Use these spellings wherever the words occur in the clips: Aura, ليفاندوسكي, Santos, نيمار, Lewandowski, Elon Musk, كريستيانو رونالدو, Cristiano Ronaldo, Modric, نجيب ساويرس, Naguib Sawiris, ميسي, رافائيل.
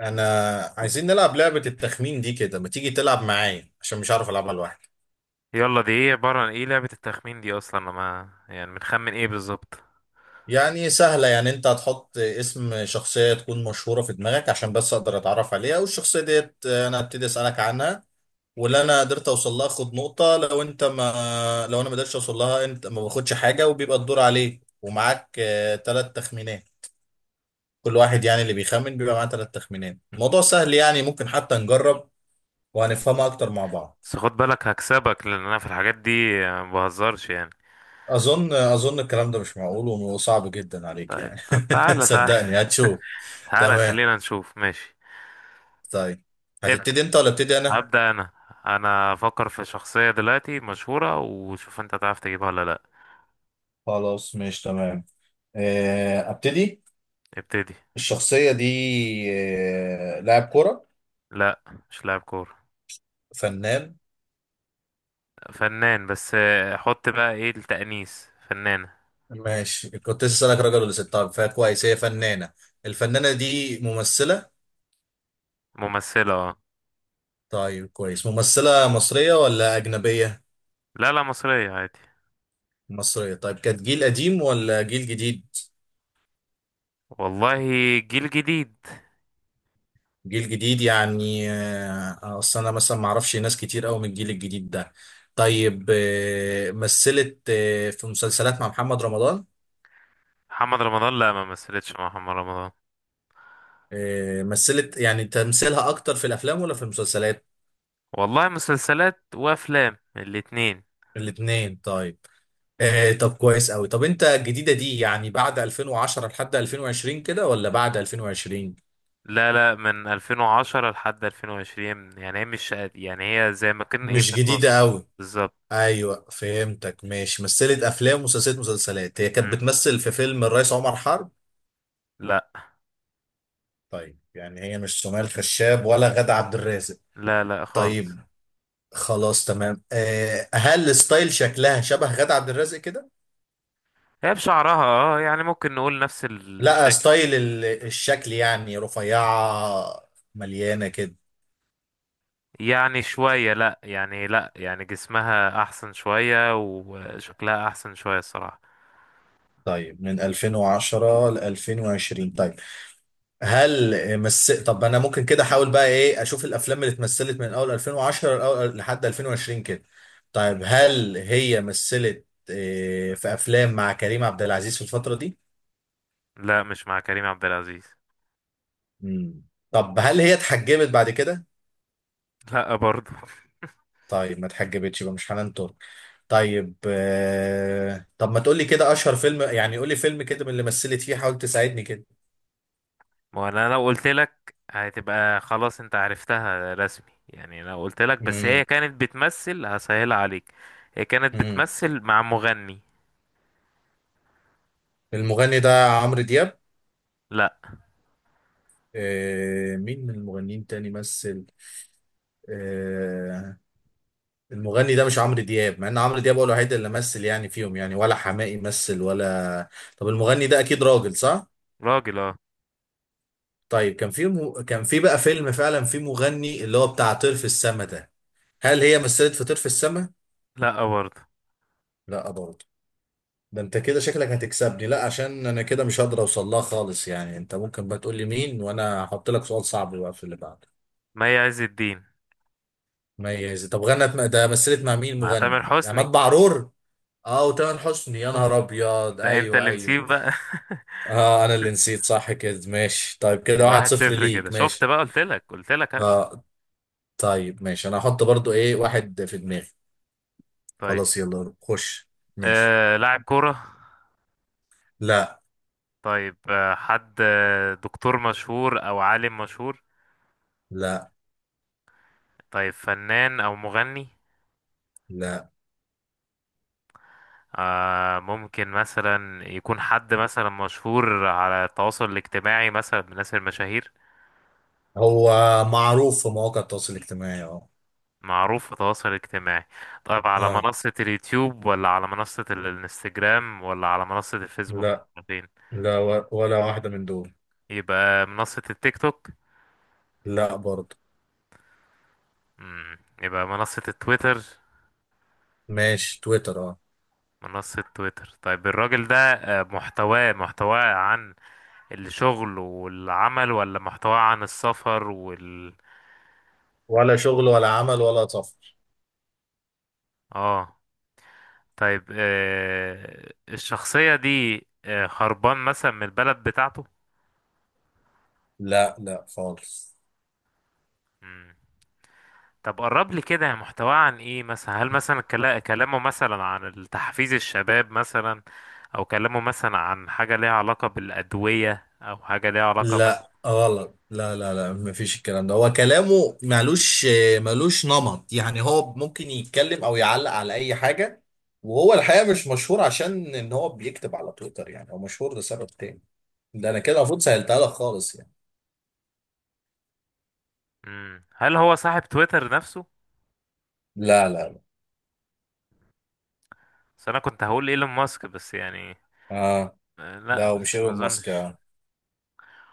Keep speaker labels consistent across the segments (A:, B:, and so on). A: انا عايزين نلعب لعبة التخمين دي كده، ما تيجي تلعب معايا عشان مش عارف العبها لوحدي.
B: يلا دي ايه عبارة عن ايه لعبة التخمين دي اصلا لما يعني بنخمن ايه بالظبط.
A: يعني سهلة، يعني انت هتحط اسم شخصية تكون مشهورة في دماغك عشان بس اقدر اتعرف عليها، والشخصية ديت انا هبتدي اسألك عنها. واللي انا قدرت اوصل لها اخد نقطة، لو انا ما قدرتش اوصل لها انت ما باخدش حاجة، وبيبقى الدور عليك ومعاك ثلاث تخمينات. كل واحد
B: مم.
A: يعني اللي بيخمن بيبقى معاه ثلاث تخمينات. الموضوع سهل، يعني ممكن حتى نجرب وهنفهمها اكتر مع بعض.
B: بس خد بالك هكسبك لان انا في الحاجات دي ما بهزرش يعني.
A: اظن الكلام ده مش معقول وصعب جدا عليك
B: طيب
A: يعني.
B: طب تعالى تعالى.
A: صدقني هتشوف.
B: تعالى
A: تمام.
B: خلينا نشوف ماشي.
A: طيب،
B: ابدأ،
A: هتبتدي انت ولا ابتدي انا؟
B: هبدأ انا. انا افكر في شخصية دلوقتي مشهورة وشوف انت تعرف تجيبها ولا لا.
A: خلاص، مش تمام. ابتدي.
B: ابتدي.
A: الشخصية دي لاعب كرة؟
B: لا، مش لاعب كورة.
A: فنان؟
B: فنان بس حط بقى ايه التأنيث فنانة.
A: ماشي، كنت لسه اسالك راجل ولا ست، طيب فكويس هي فنانة. الفنانة دي ممثلة؟
B: ممثلة اه.
A: طيب كويس، ممثلة مصرية ولا أجنبية؟
B: لا لا، مصرية عادي.
A: مصرية، طيب. كانت جيل قديم ولا جيل جديد؟
B: والله جيل جديد.
A: جيل جديد، يعني اصل انا مثلا ما اعرفش ناس كتير قوي من الجيل الجديد ده. طيب مثلت في مسلسلات مع محمد رمضان؟
B: محمد رمضان، لا ما مثلتش مع محمد رمضان.
A: مثلت يعني، تمثيلها اكتر في الافلام ولا في المسلسلات؟
B: والله مسلسلات وافلام الاتنين.
A: الاثنين، طيب. طب كويس قوي. طب انت الجديدة دي يعني بعد 2010 لحد 2020 كده، ولا بعد 2020؟
B: لا لا، من 2010 لحد 2020، يعني هي مش قد- يعني هي زي ما كان ايه
A: مش
B: في
A: جديدة
B: النص.
A: قوي.
B: بالظبط.
A: ايوه، فهمتك. ماشي، مثلت افلام ومسلسلات. مسلسلات هي كانت
B: مم.
A: بتمثل في فيلم الرئيس عمر حرب؟
B: لا
A: طيب يعني هي مش سمية الخشاب ولا غادة عبد الرازق؟
B: لا لا
A: طيب
B: خالص.
A: خلاص تمام. هل ستايل شكلها شبه غادة عبد الرازق كده؟
B: هي بشعرها اه، يعني ممكن نقول نفس
A: لا،
B: الشكل.
A: ستايل الشكل، يعني رفيعة، مليانة كده؟
B: يعني شوية، لا يعني لا يعني جسمها احسن شوية وشكلها احسن شوية الصراحة.
A: طيب من 2010 ل 2020 طيب. هل مس طب انا ممكن كده احاول بقى ايه، اشوف الافلام اللي اتمثلت من اول 2010 لحد 2020 كده. طيب هل هي مثلت في افلام مع كريم عبد العزيز في الفترة دي؟
B: لا، مش مع كريم عبد العزيز.
A: مم. طب هل هي اتحجبت بعد كده؟
B: لا برضه.
A: طيب، ما اتحجبتش يبقى مش حنان ترك. طيب طب ما تقولي كده اشهر فيلم، يعني قولي فيلم كده من اللي مثلت فيه، حاول تساعدني كده.
B: ما هو انا لو قلت لك هتبقى خلاص انت عرفتها رسمي، يعني لو قلت لك بس
A: مم.
B: هي كانت بتمثل هسهلها عليك. هي كانت
A: مم.
B: بتمثل مع مغني.
A: المغني ده عمرو دياب؟
B: لا.
A: مين من المغنيين تاني مثل؟ آه... المغني ده مش عمرو دياب، مع ان عمرو دياب هو الوحيد اللي مثل يعني فيهم يعني، ولا حماقي مثل ولا. طب المغني ده اكيد راجل صح؟
B: راجل اه.
A: طيب كان في بقى فيلم فعلا في مغني اللي هو بتاع طرف السما ده. هل هي مثلت فطير في السماء؟
B: لا برضه.
A: لا برضه. ده انت كده شكلك هتكسبني، لا عشان انا كده مش هقدر اوصل لها خالص يعني. انت ممكن بقى تقول لي مين، وانا هحط لك سؤال صعب بقى في اللي بعده.
B: مي عز الدين.
A: ميز، طب ده مثلت مع مين
B: مع
A: مغني؟
B: تامر
A: عماد
B: حسني.
A: بعرور؟ اه، وتامر حسني، يا نهار ابيض،
B: انت
A: ايوه
B: اللي
A: ايوه.
B: نسيب بقى.
A: اه انا اللي نسيت، صح كده ماشي، طيب كده
B: يبقى
A: واحد
B: واحد
A: صفر
B: صفر كده،
A: ليك
B: شفت
A: ماشي.
B: بقى؟ قلت لك هكسب.
A: اه، طيب ماشي، انا هحط برضو ايه واحد في دماغي.
B: طيب
A: خلاص، يلا خش. ماشي.
B: لاعب كورة؟
A: لا،
B: طيب آه حد آه، دكتور مشهور او عالم مشهور؟
A: لا
B: طيب فنان او مغني؟
A: لا،
B: ممكن مثلا يكون حد مثلا مشهور على التواصل الاجتماعي، مثلا من الناس المشاهير.
A: هو معروف في مواقع التواصل الاجتماعي، اه.
B: معروف في التواصل الاجتماعي. طيب على
A: اه.
B: منصة اليوتيوب، ولا على منصة الانستجرام، ولا على منصة الفيسبوك،
A: لا.
B: ولا فين؟
A: لا، ولا واحدة من دول.
B: يبقى منصة التيك توك.
A: لا برضه.
B: يبقى منصة التويتر.
A: ماشي، تويتر اه.
B: منصة تويتر. طيب الراجل ده محتواه، عن الشغل والعمل، ولا محتواه عن السفر وال
A: ولا شغل ولا عمل ولا سفر.
B: اه. طيب آه، الشخصية دي آه، هربان مثلا من البلد بتاعته؟
A: لا لا خالص.
B: مم. طب قرب لي كده محتواه عن ايه، مثلا هل مثلا كلامه مثلا عن تحفيز الشباب مثلا، او كلامه مثلا عن حاجة ليها علاقة بالأدوية، او حاجة ليها علاقة
A: لا
B: مثلا.
A: غلط، لا لا لا، مفيش الكلام ده، هو كلامه مالوش، مالوش نمط، يعني هو ممكن يتكلم او يعلق على اي حاجة. وهو الحقيقة مش مشهور عشان ان هو بيكتب على تويتر، يعني هو مشهور لسبب تاني. ده انا كده المفروض سهلتها لك خالص يعني.
B: هل هو صاحب تويتر نفسه؟
A: لا لا لا.
B: بس انا كنت هقول ايلون ماسك بس يعني.
A: آه.
B: آه لا
A: لا،
B: بس
A: ومش
B: ما
A: ايلون ماسك
B: اظنش.
A: يعني.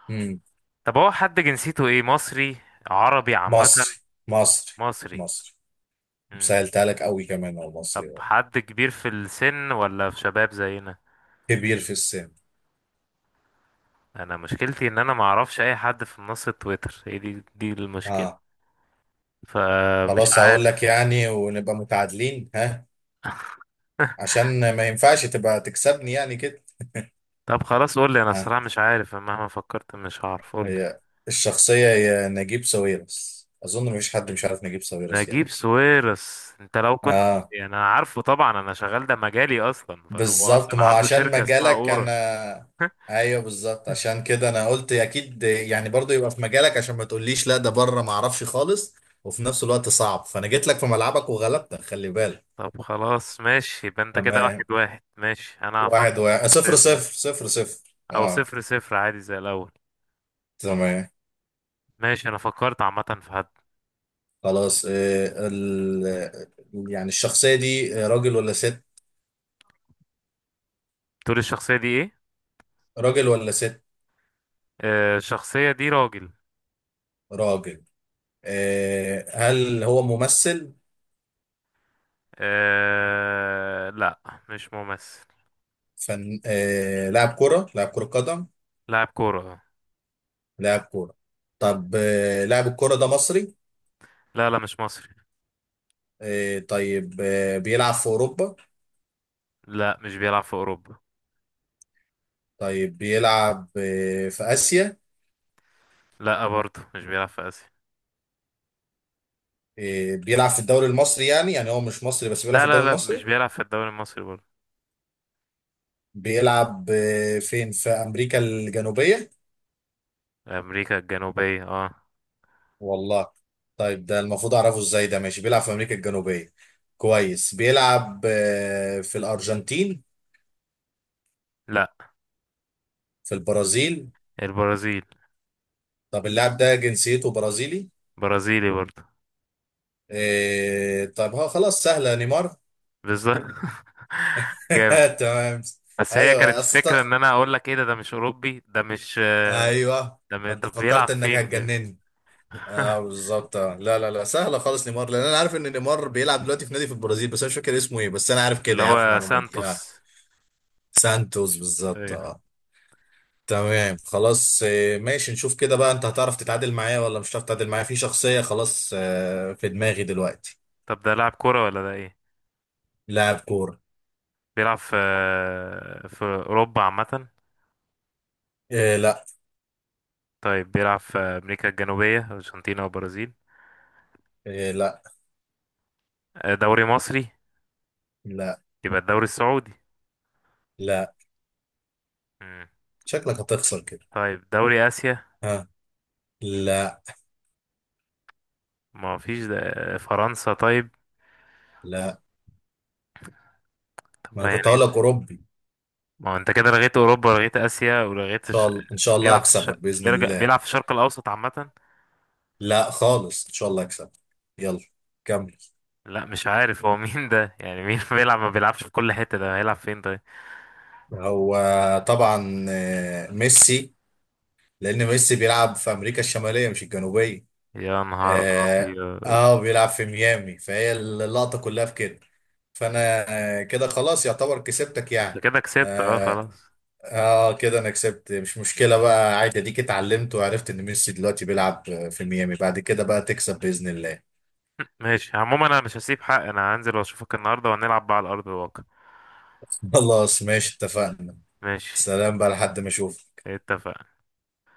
A: امم
B: طب هو حد جنسيته ايه؟ مصري، عربي عامة؟
A: مصري. مصري.
B: مصري.
A: مصري، سهلتها لك قوي، كمان هو
B: طب
A: مصري هو.
B: حد كبير في السن ولا في شباب زينا؟
A: كبير في السن.
B: انا مشكلتي ان انا ما اعرفش اي حد في منصة تويتر، هي دي المشكلة.
A: اه.
B: فمش
A: خلاص هقول لك
B: عارف.
A: يعني ونبقى متعادلين، ها، عشان ما ينفعش تبقى تكسبني يعني كده.
B: طب خلاص قول لي، انا
A: ها
B: الصراحة مش عارف أنا، مهما فكرت مش هعرف، قول لي.
A: هي الشخصية هي نجيب ساويرس، اظن مفيش حد مش عارف نجيب ساويرس
B: نجيب
A: يعني.
B: ساويرس؟ انت لو كنت
A: اه
B: يعني انا عارفه طبعا، انا شغال ده مجالي اصلا، فهو
A: بالظبط،
B: اصلا
A: ما
B: عنده
A: عشان
B: شركة اسمها
A: مجالك
B: اورا.
A: انا. ايوه بالظبط، عشان كده انا قلت اكيد يعني، برضو يبقى في مجالك، عشان ما تقوليش لا ده بره ما اعرفش خالص، وفي نفس الوقت صعب، فانا جيت لك في ملعبك وغلبتك، خلي بالك.
B: طب خلاص ماشي، يبقى انت كده
A: تمام،
B: واحد واحد. ماشي انا هفكر
A: واحد
B: في
A: واحد، صفر
B: حد
A: صفر،
B: دلوقتي.
A: صفر صفر،
B: او
A: اه.
B: صفر صفر عادي زي الاول.
A: تمام
B: ماشي انا فكرت عامة في حد.
A: خلاص. يعني الشخصية دي راجل ولا ست؟
B: تقول الشخصية دي ايه؟
A: راجل ولا ست؟
B: آه، الشخصية دي راجل.
A: راجل. إيه، هل هو ممثل؟
B: لا، مش ممثل.
A: إيه، لاعب كرة قدم؟
B: لاعب كورة آه.
A: لاعب كورة. طب لاعب الكورة ده مصري؟
B: لا لا، مش مصري.
A: طيب بيلعب في أوروبا؟
B: لا مش بيلعب في أوروبا.
A: طيب بيلعب في آسيا؟
B: لا برضه مش بيلعب في آسيا.
A: بيلعب في الدوري المصري يعني، هو مش مصري بس بيلعب في
B: لا لا
A: الدوري
B: لا، مش
A: المصري؟
B: بيلعب في الدوري المصري برضه.
A: بيلعب فين، في أمريكا الجنوبية؟
B: أمريكا الجنوبية اه.
A: والله. طيب ده المفروض أعرفه إزاي، ده ماشي بيلعب في أمريكا الجنوبية. كويس، بيلعب في الأرجنتين؟
B: لا،
A: في البرازيل؟
B: البرازيل.
A: طب اللاعب ده جنسيته برازيلي؟
B: برازيلي برضه.
A: طب هو خلاص سهلة، نيمار.
B: بالظبط. جامد.
A: تمام.
B: بس هي
A: ايوه
B: كانت
A: اصل انت،
B: الفكرة ان انا اقول لك ايه، ده ده مش اوروبي، ده مش
A: ايوه. ما انت
B: طب بيلعب
A: فكرت انك
B: فين؟
A: هتجنني.
B: فاهم؟
A: اه بالظبط. آه. لا لا لا سهله خالص نيمار، لان انا عارف ان نيمار بيلعب دلوقتي في نادي في البرازيل بس انا مش فاكر اسمه ايه، بس انا عارف
B: اللي
A: كده، عارف
B: هو
A: المعلومه دي اه.
B: سانتوس.
A: سانتوس، بالظبط
B: ايوه.
A: اه. تمام خلاص. ماشي، نشوف كده بقى، انت هتعرف تتعادل معايا ولا مش هتعرف تتعادل معايا في شخصيه خلاص في دماغي دلوقتي.
B: طب ده لاعب كورة ولا ده ايه؟
A: لاعب كوره.
B: بيلعب في أوروبا عامة؟
A: إيه لا.
B: طيب بيلعب في أمريكا الجنوبية، أرجنتينا وبرازيل؟
A: إيه لا.
B: آه، دوري مصري؟
A: لا.
B: يبقى الدوري السعودي.
A: لا.
B: مم.
A: شكلك هتخسر كده.
B: طيب دوري آسيا؟
A: ها، لا.
B: ما فيش آه، فرنسا طيب؟
A: لا ما
B: طب
A: انا كنت
B: يعني
A: هقول لك اوروبي.
B: ما هو أنت كده لغيت أوروبا ولغيت آسيا ولغيت
A: شاء الله ان شاء الله
B: بيلعب في
A: هكسبك باذن
B: بيرجع
A: الله.
B: بيلعب في الشرق الأوسط عامة؟
A: لا خالص، ان شاء الله هكسبك. يلا كمل.
B: لا، مش عارف هو مين ده، يعني مين بيلعب؟ ما بيلعبش في كل حتة، ده هيلعب فين طيب؟
A: هو طبعا ميسي، لان ميسي بيلعب في امريكا الشماليه مش الجنوبيه
B: يا نهار
A: اه.
B: أبيض.
A: بيلعب في ميامي فهي اللقطه كلها في كده. فانا كده خلاص يعتبر كسبتك
B: أنت
A: يعني.
B: كده كسبت، أه
A: اه،
B: خلاص.
A: كده انا كسبت، مش مشكله بقى عادي، اديك اتعلمت وعرفت ان ميسي دلوقتي بيلعب في ميامي، بعد كده بقى تكسب باذن الله.
B: ماشي عموما انا مش هسيب حق، انا هنزل واشوفك النهارده وهنلعب بقى على ارض الواقع.
A: خلاص ماشي، اتفقنا.
B: ماشي
A: سلام بقى لحد ما اشوف.
B: اتفق.